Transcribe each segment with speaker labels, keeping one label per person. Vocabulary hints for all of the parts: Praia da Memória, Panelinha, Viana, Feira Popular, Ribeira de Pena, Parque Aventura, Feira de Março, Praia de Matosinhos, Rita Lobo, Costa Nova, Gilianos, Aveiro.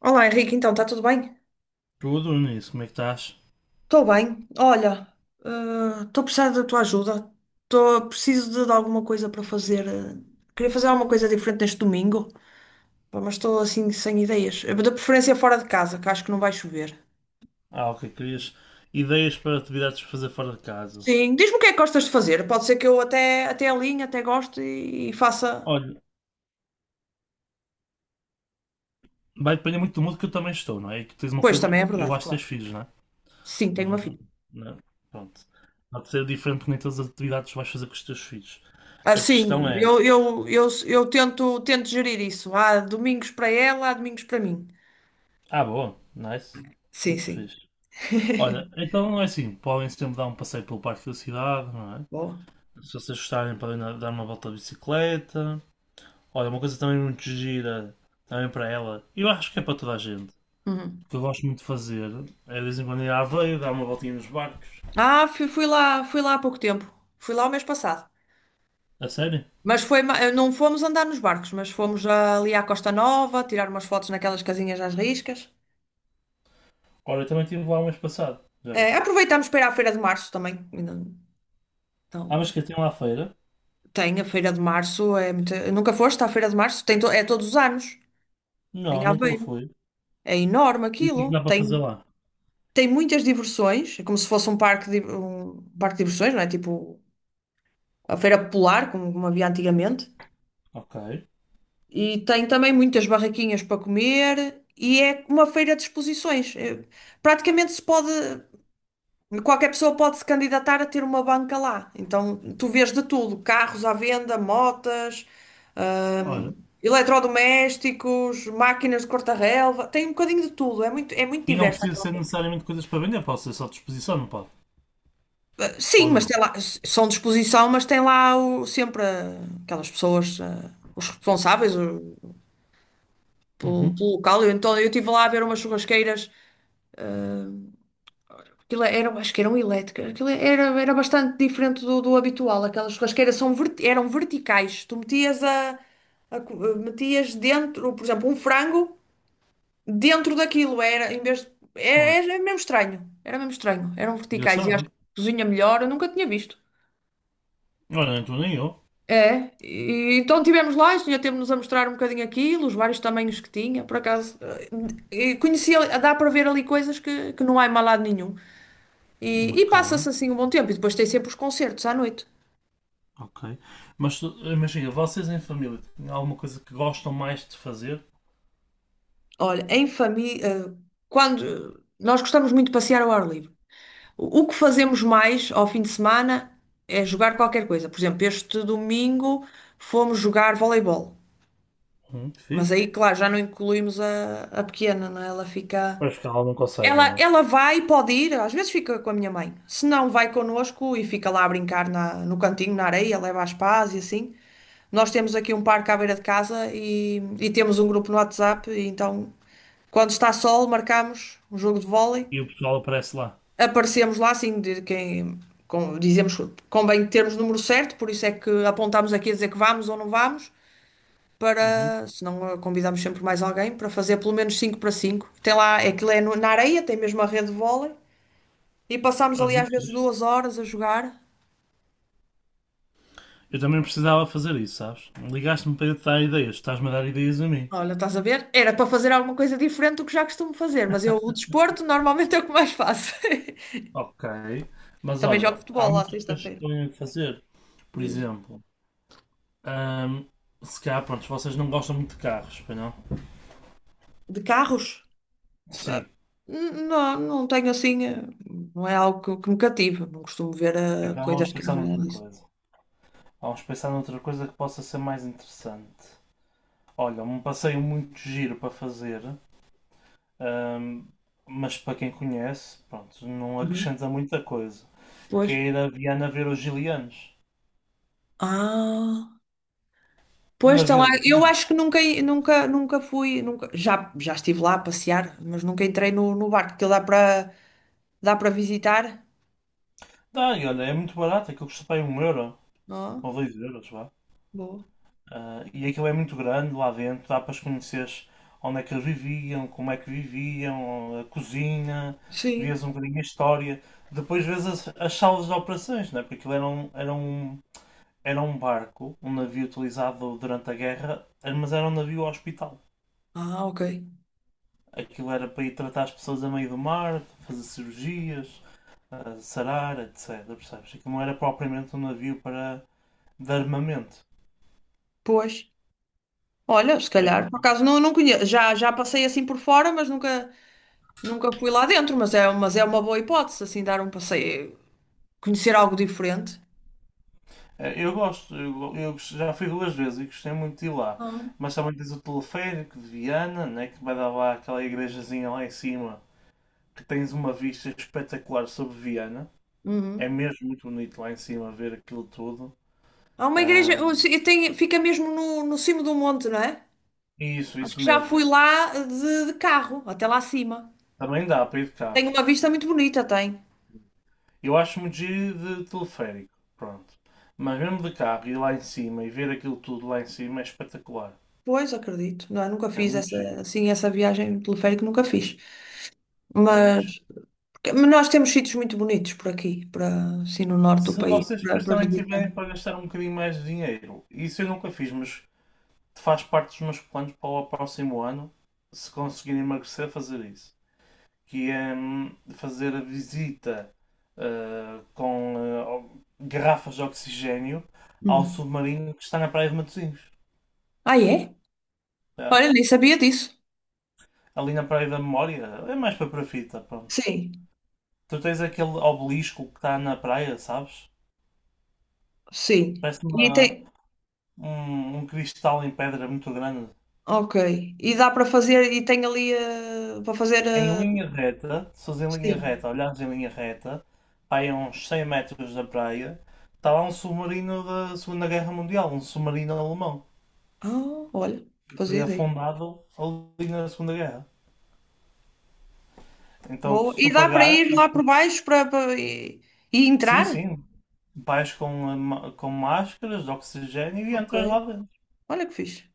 Speaker 1: Olá Henrique, então está tudo bem?
Speaker 2: Tudo, Nunes, como é que estás?
Speaker 1: Estou bem. Olha, estou a precisar da tua ajuda. Tô, preciso de alguma coisa para fazer. Queria fazer alguma coisa diferente neste domingo, pá, mas estou assim sem ideias. De preferência fora de casa, que acho que não vai chover.
Speaker 2: Ok, querias ideias para atividades para fazer fora de casa.
Speaker 1: Sim, diz-me o que é que gostas de fazer. Pode ser que eu até alinhe, até goste e faça.
Speaker 2: Olha, vai depender muito do mundo que eu também estou, não é? E que tens uma
Speaker 1: Pois
Speaker 2: coisa,
Speaker 1: também é
Speaker 2: eu
Speaker 1: verdade,
Speaker 2: acho que tens
Speaker 1: claro.
Speaker 2: filhos, não é?
Speaker 1: Sim, tenho
Speaker 2: Nós
Speaker 1: uma
Speaker 2: não,
Speaker 1: filha.
Speaker 2: não- pronto. Pode ser diferente que nem todas as atividades que vais fazer com os teus filhos.
Speaker 1: Ah,
Speaker 2: A questão
Speaker 1: sim,
Speaker 2: é,
Speaker 1: eu tento, tento gerir isso. Há domingos para ela, há domingos para mim.
Speaker 2: ah, boa, nice,
Speaker 1: Sim,
Speaker 2: muito
Speaker 1: sim.
Speaker 2: fixe. Olha, então é assim, podem sempre dar um passeio pelo parque da cidade, não é?
Speaker 1: Boa.
Speaker 2: Se vocês gostarem, podem dar uma volta de bicicleta. Olha, uma coisa também muito gira, também para ela, eu acho que é para toda a gente.
Speaker 1: Uhum.
Speaker 2: O que eu gosto muito de fazer é de vez em quando ir à Aveiro, dar uma voltinha nos barcos.
Speaker 1: Ah, fui lá há pouco tempo. Fui lá o mês passado.
Speaker 2: A sério?
Speaker 1: Mas foi, não fomos andar nos barcos, mas fomos ali à Costa Nova, tirar umas fotos naquelas casinhas às riscas.
Speaker 2: Olha, eu também estive lá o mês passado, já viste?
Speaker 1: Aproveitamos para ir à Feira de Março também. Ainda
Speaker 2: Ah,
Speaker 1: Então,
Speaker 2: mas
Speaker 1: eh,
Speaker 2: que tem lá a feira?
Speaker 1: tem a Feira de Março, é muito... Nunca foste à Feira de Março? É todos os anos, em
Speaker 2: Não, nunca
Speaker 1: Aveiro.
Speaker 2: fui.
Speaker 1: É enorme
Speaker 2: E o que é que
Speaker 1: aquilo.
Speaker 2: dá para fazer
Speaker 1: Tem,
Speaker 2: lá?
Speaker 1: tem muitas diversões, é como se fosse um parque de diversões, não é? Tipo a Feira Popular, como havia antigamente.
Speaker 2: Ok.
Speaker 1: E tem também muitas barraquinhas para comer e é uma feira de exposições. É, praticamente se pode, qualquer pessoa pode se candidatar a ter uma banca lá. Então tu vês de tudo, carros à venda, motas, hum,
Speaker 2: Ora.
Speaker 1: eletrodomésticos, máquinas de cortar-relva, tem um bocadinho de tudo, é muito
Speaker 2: E não
Speaker 1: diverso
Speaker 2: precisa
Speaker 1: aquela
Speaker 2: ser
Speaker 1: feira.
Speaker 2: necessariamente coisas para vender, pode ser só disposição, não pode?
Speaker 1: Ah, sim,
Speaker 2: Ou
Speaker 1: mas
Speaker 2: não?
Speaker 1: tem lá, são de exposição, mas tem lá sempre aquelas pessoas, os responsáveis
Speaker 2: Uhum.
Speaker 1: pelo local. Eu, então eu estive lá a ver umas churrasqueiras. Aquilo era, acho que eram elétricas. Aquilo era bastante diferente do habitual. Aquelas churrasqueiras eram verticais. Tu metias metias dentro, por exemplo, um frango dentro daquilo. Era, em vez de-
Speaker 2: Onze.
Speaker 1: era, era mesmo estranho. Era mesmo estranho. Eram verticais e acho que
Speaker 2: Engraçado.
Speaker 1: cozinha melhor. Eu nunca tinha visto.
Speaker 2: Olha, nem tu nem eu.
Speaker 1: É, e, então tivemos lá, e o senhor teve-nos a mostrar um bocadinho aquilo, os vários tamanhos que tinha, por acaso. E conhecia, dá para ver ali coisas que não há em mal lado nenhum. E
Speaker 2: Ok,
Speaker 1: passa-se assim um bom tempo. E depois tem sempre os concertos à noite.
Speaker 2: ok. Imagina, vocês em família têm alguma coisa que gostam mais de fazer?
Speaker 1: Olha, em família, quando nós gostamos muito de passear ao ar livre. O que fazemos mais ao fim de semana é jogar qualquer coisa. Por exemplo, este domingo fomos jogar voleibol. Mas
Speaker 2: Fixe.
Speaker 1: aí, claro, já não incluímos a pequena, não é? Ela fica.
Speaker 2: Pois que ela não consegue,
Speaker 1: Ela,
Speaker 2: não é?
Speaker 1: ela vai, pode ir, às vezes fica com a minha mãe. Se não, vai connosco e fica lá a brincar no cantinho, na areia, leva as pás e assim. Nós temos aqui um parque à beira de casa e temos um grupo no WhatsApp, e então, quando está sol, marcamos um jogo de vôlei.
Speaker 2: E o pessoal aparece lá.
Speaker 1: Aparecemos lá, assim, de quem, com, dizemos, convém termos o número certo, por isso é que apontamos aqui a dizer que vamos ou não vamos,
Speaker 2: Uhum.
Speaker 1: para, se não, convidamos sempre mais alguém para fazer pelo menos 5 para 5. Tem lá, aquilo é na areia, tem mesmo a rede de vôlei. E passámos
Speaker 2: Olha,
Speaker 1: ali às
Speaker 2: muito
Speaker 1: vezes
Speaker 2: fixe.
Speaker 1: 2 horas a jogar.
Speaker 2: Eu também precisava fazer isso, sabes? Ligaste-me para eu te dar ideias, estás-me a dar ideias a mim.
Speaker 1: Olha, estás a ver? Era para fazer alguma coisa diferente do que já costumo fazer, mas eu, o desporto, normalmente é o que mais faço.
Speaker 2: Ok. Mas
Speaker 1: Também jogo
Speaker 2: olha, há
Speaker 1: futebol lá
Speaker 2: muitas coisas que
Speaker 1: sexta-feira.
Speaker 2: podem fazer. Por
Speaker 1: Diz.
Speaker 2: exemplo, ahm, se calhar, pronto, vocês não gostam muito de carros, pois não?
Speaker 1: De carros? Ah,
Speaker 2: Sim.
Speaker 1: não, não tenho assim, não é algo que me cativa. Não costumo ver
Speaker 2: Então vamos
Speaker 1: coisas que
Speaker 2: pensar
Speaker 1: é
Speaker 2: noutra
Speaker 1: disso.
Speaker 2: coisa. Vamos pensar noutra coisa que possa ser mais interessante. Olha, um passeio muito giro para fazer, ahm, mas para quem conhece, pronto, não
Speaker 1: Uhum.
Speaker 2: acrescenta muita coisa. Que
Speaker 1: Pois.
Speaker 2: é ir a Viana ver os Gilianos.
Speaker 1: Ah,
Speaker 2: Um
Speaker 1: pois está
Speaker 2: navio
Speaker 1: lá.
Speaker 2: de.
Speaker 1: Eu acho que nunca fui, nunca, já estive lá a passear, mas nunca entrei no barco, que dá para dá para visitar,
Speaker 2: Dá, e olha, é muito barato, aquilo custa para aí um euro
Speaker 1: não?
Speaker 2: ou
Speaker 1: É?
Speaker 2: dois euros, vá.
Speaker 1: Boa.
Speaker 2: Ah, e aquilo é muito grande lá dentro, dá para os conheceres onde é que eles viviam, como é que viviam, a cozinha,
Speaker 1: Sim.
Speaker 2: vês um bocadinho a história. Depois vês as, as salas de operações, né? Porque aquilo era um barco, um navio utilizado durante a guerra, mas era um navio hospital.
Speaker 1: Ah, ok.
Speaker 2: Aquilo era para ir tratar as pessoas a meio do mar, fazer cirurgias, ah, sarar, etc. Percebes? Aquilo não era propriamente um navio para de armamento.
Speaker 1: Pois. Olha, se
Speaker 2: É,
Speaker 1: calhar, por acaso não, não conheço. Já, já passei assim por fora, mas nunca, nunca fui lá dentro. Mas é uma boa hipótese, assim, dar um passeio, conhecer algo diferente.
Speaker 2: é. Eu gosto, eu já fui duas vezes e gostei muito de ir lá.
Speaker 1: Ah.
Speaker 2: Mas também tens o teleférico de Viana, né, que vai dar lá aquela igrejazinha lá em cima, que tens uma vista espetacular sobre Viana. É
Speaker 1: Uhum.
Speaker 2: mesmo muito bonito lá em cima ver aquilo tudo.
Speaker 1: Há uma igreja, ou
Speaker 2: Ahm,
Speaker 1: tem, fica mesmo no cimo do monte, não é?
Speaker 2: isso,
Speaker 1: Acho
Speaker 2: isso
Speaker 1: que já
Speaker 2: mesmo.
Speaker 1: fui lá de carro, até lá acima.
Speaker 2: Também dá para ir de carro.
Speaker 1: Tem uma vista muito bonita, tem.
Speaker 2: Eu acho muito giro de teleférico, pronto. Mas mesmo de carro, ir lá em cima e ver aquilo tudo lá em cima é espetacular.
Speaker 1: Pois, acredito. Não, é? Nunca
Speaker 2: É
Speaker 1: fiz
Speaker 2: muito
Speaker 1: essa,
Speaker 2: giro,
Speaker 1: assim, essa viagem teleférica, nunca fiz.
Speaker 2: é muito.
Speaker 1: Mas nós temos sítios muito bonitos por aqui, para, assim no norte do
Speaker 2: Se
Speaker 1: país,
Speaker 2: vocês depois
Speaker 1: para
Speaker 2: também tiverem
Speaker 1: visitar.
Speaker 2: para gastar um bocadinho mais de dinheiro, isso eu nunca fiz, mas faz parte dos meus planos para o próximo ano, se conseguirem emagrecer, fazer isso. Que é fazer a visita com garrafas de oxigénio ao
Speaker 1: Hum.
Speaker 2: submarino que está na Praia de Matosinhos.
Speaker 1: Ah, é?
Speaker 2: Tá?
Speaker 1: Olha, nem sabia disso.
Speaker 2: Ali na Praia da Memória, é mais para a fita, pronto.
Speaker 1: Sim,
Speaker 2: Tu tens aquele obelisco que está na praia, sabes?
Speaker 1: sim.
Speaker 2: Parece
Speaker 1: E
Speaker 2: uma,
Speaker 1: tem.
Speaker 2: um cristal em pedra muito grande.
Speaker 1: Ok. E dá para fazer, e tem ali para fazer.
Speaker 2: Em linha reta, se fores em linha
Speaker 1: Sim.
Speaker 2: reta, olhares em linha reta, pá, aí a uns 100 metros da praia, está lá um submarino da Segunda Guerra Mundial, um submarino alemão,
Speaker 1: Ah, olha,
Speaker 2: que
Speaker 1: fazia
Speaker 2: foi
Speaker 1: ideia.
Speaker 2: afundado ali na Segunda Guerra. Então,
Speaker 1: Vou.
Speaker 2: se
Speaker 1: E
Speaker 2: tu
Speaker 1: dá para
Speaker 2: pagar,
Speaker 1: ir lá por baixo e
Speaker 2: sim,
Speaker 1: entrar?
Speaker 2: sim, vais com, com máscaras de oxigênio e
Speaker 1: Ok.
Speaker 2: entras lá dentro.
Speaker 1: Olha que fixe.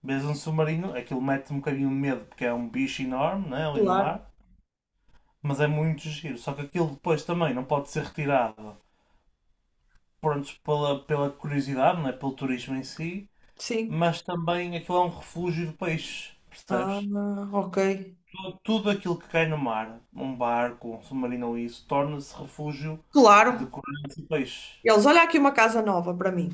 Speaker 2: Vês um submarino, aquilo mete um bocadinho de medo, porque é um bicho enorme, né, ali no
Speaker 1: Claro.
Speaker 2: mar, mas é muito giro. Só que aquilo depois também não pode ser retirado pronto, pela, pela curiosidade, não é? Pelo turismo em si,
Speaker 1: Sim.
Speaker 2: mas também aquilo é um refúgio de peixes,
Speaker 1: Ah,
Speaker 2: percebes?
Speaker 1: ok.
Speaker 2: Tudo aquilo que cai no mar, um barco, um submarino ou isso, torna-se refúgio de
Speaker 1: Claro.
Speaker 2: corais e peixes.
Speaker 1: Eles, olha aqui uma casa nova para mim.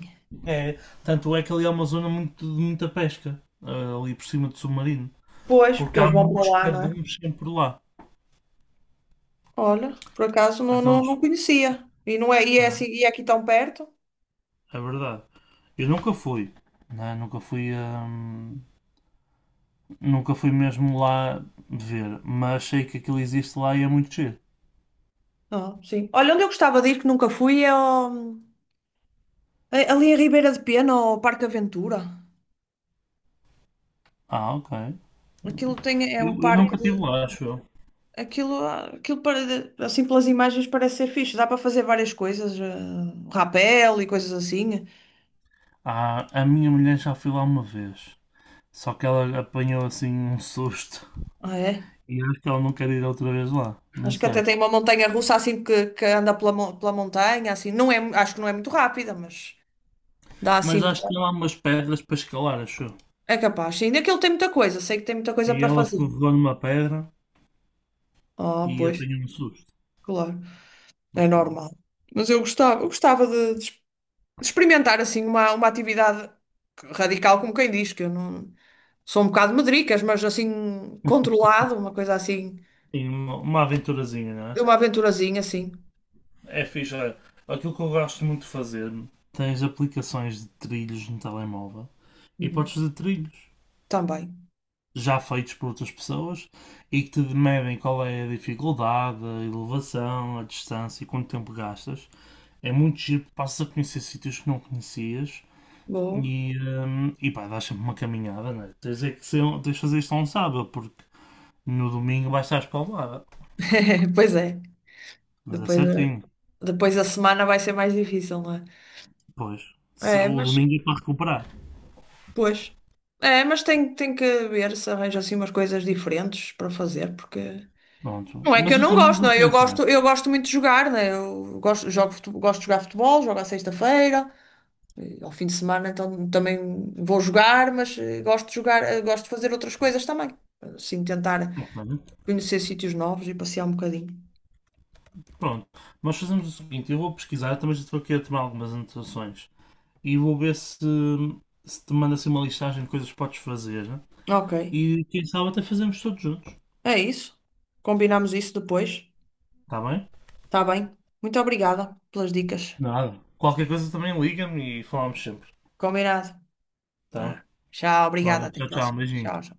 Speaker 2: É, tanto é que ali é uma zona muito, de muita pesca, ah, ali por cima do submarino,
Speaker 1: Pois, porque
Speaker 2: porque há
Speaker 1: eles vão para
Speaker 2: muitos
Speaker 1: lá, não é?
Speaker 2: cardumes sempre por lá.
Speaker 1: Olha, por acaso
Speaker 2: Então,
Speaker 1: não conhecia. E não é,
Speaker 2: ah,
Speaker 1: e é aqui tão perto?
Speaker 2: é verdade. Eu nunca fui, né? Nunca fui, nunca fui mesmo lá ver, mas sei que aquilo existe lá e é muito giro.
Speaker 1: Ah, sim. Olha, onde eu gostava de ir que nunca fui é é ali em Ribeira de Pena, ao Parque Aventura.
Speaker 2: Ah, ok.
Speaker 1: É
Speaker 2: Eu,
Speaker 1: um
Speaker 2: eu
Speaker 1: parque
Speaker 2: nunca
Speaker 1: de,
Speaker 2: estive lá, acho eu.
Speaker 1: aquilo, aquilo para, assim pelas imagens parece ser fixe. Dá para fazer várias coisas, rapel e coisas assim.
Speaker 2: Ah, a minha mulher já foi lá uma vez. Só que ela apanhou assim um susto.
Speaker 1: Ah, é?
Speaker 2: E acho que ela não quer ir outra vez lá. Não
Speaker 1: Acho que até
Speaker 2: sei.
Speaker 1: tem uma montanha russa assim que anda pela montanha, assim. Não é, acho que não é muito rápida, mas dá
Speaker 2: Mas
Speaker 1: assim.
Speaker 2: acho que tem lá umas pedras para escalar, acho eu.
Speaker 1: É capaz, sim. Aquilo tem muita coisa, sei que tem muita coisa
Speaker 2: E
Speaker 1: para
Speaker 2: ela
Speaker 1: fazer.
Speaker 2: escorregou numa pedra
Speaker 1: Ah,
Speaker 2: e
Speaker 1: pois,
Speaker 2: apanhou um susto.
Speaker 1: claro, é
Speaker 2: Mas pronto.
Speaker 1: normal. Mas eu gostava, eu gostava de experimentar assim uma atividade radical, como quem diz, que eu não sou um bocado medricas, mas assim controlado, uma coisa assim,
Speaker 2: E uma aventurazinha, não
Speaker 1: de
Speaker 2: é?
Speaker 1: uma aventurazinha assim.
Speaker 2: É fixe. Olha, aquilo que eu gosto muito de fazer, tens aplicações de trilhos no telemóvel e
Speaker 1: Uhum.
Speaker 2: podes fazer trilhos
Speaker 1: Também.
Speaker 2: já feitos por outras pessoas e que te medem qual é a dificuldade, a elevação, a distância e quanto tempo gastas. É muito giro, passas a conhecer sítios que não conhecias
Speaker 1: Boa.
Speaker 2: e pá, dás sempre uma caminhada, né? Tens é que ser, um, tens de fazer isto a um sábado, porque no domingo vais estar espalmada.
Speaker 1: Pois é.
Speaker 2: Mas é
Speaker 1: Depois, a-
Speaker 2: certinho,
Speaker 1: depois a semana vai ser mais difícil, não é?
Speaker 2: pois.
Speaker 1: É,
Speaker 2: O
Speaker 1: mas
Speaker 2: domingo é para recuperar.
Speaker 1: pois. É, mas tem, tem que ver se arranja assim umas coisas diferentes para fazer, porque
Speaker 2: Pronto.
Speaker 1: não é que
Speaker 2: Mas
Speaker 1: eu
Speaker 2: eu
Speaker 1: não
Speaker 2: também
Speaker 1: gosto, não
Speaker 2: vou
Speaker 1: é?
Speaker 2: pensar.
Speaker 1: Eu gosto muito de jogar, né? Eu gosto, jogo, gosto de jogar futebol, jogo à sexta-feira, ao fim de semana então também vou jogar, mas gosto de jogar, gosto de fazer outras coisas também. Assim, tentar
Speaker 2: Ok.
Speaker 1: conhecer sítios novos e passear um bocadinho.
Speaker 2: Pronto. Nós fazemos o seguinte, eu vou pesquisar, eu também já estou aqui a tomar algumas anotações. E vou ver se, se te manda assim uma listagem de coisas que podes fazer, né?
Speaker 1: Ok,
Speaker 2: E quem sabe até fazemos todos juntos.
Speaker 1: é isso. Combinamos isso depois.
Speaker 2: Está bem?
Speaker 1: Tá bem. Muito obrigada pelas dicas.
Speaker 2: Nada. Qualquer coisa também liga-me e falamos sempre.
Speaker 1: Combinado.
Speaker 2: Tá?
Speaker 1: Ah, tchau, obrigada.
Speaker 2: Olha,
Speaker 1: Até a
Speaker 2: tchau, tchau.
Speaker 1: próxima.
Speaker 2: Beijinho.
Speaker 1: Tchau, tchau.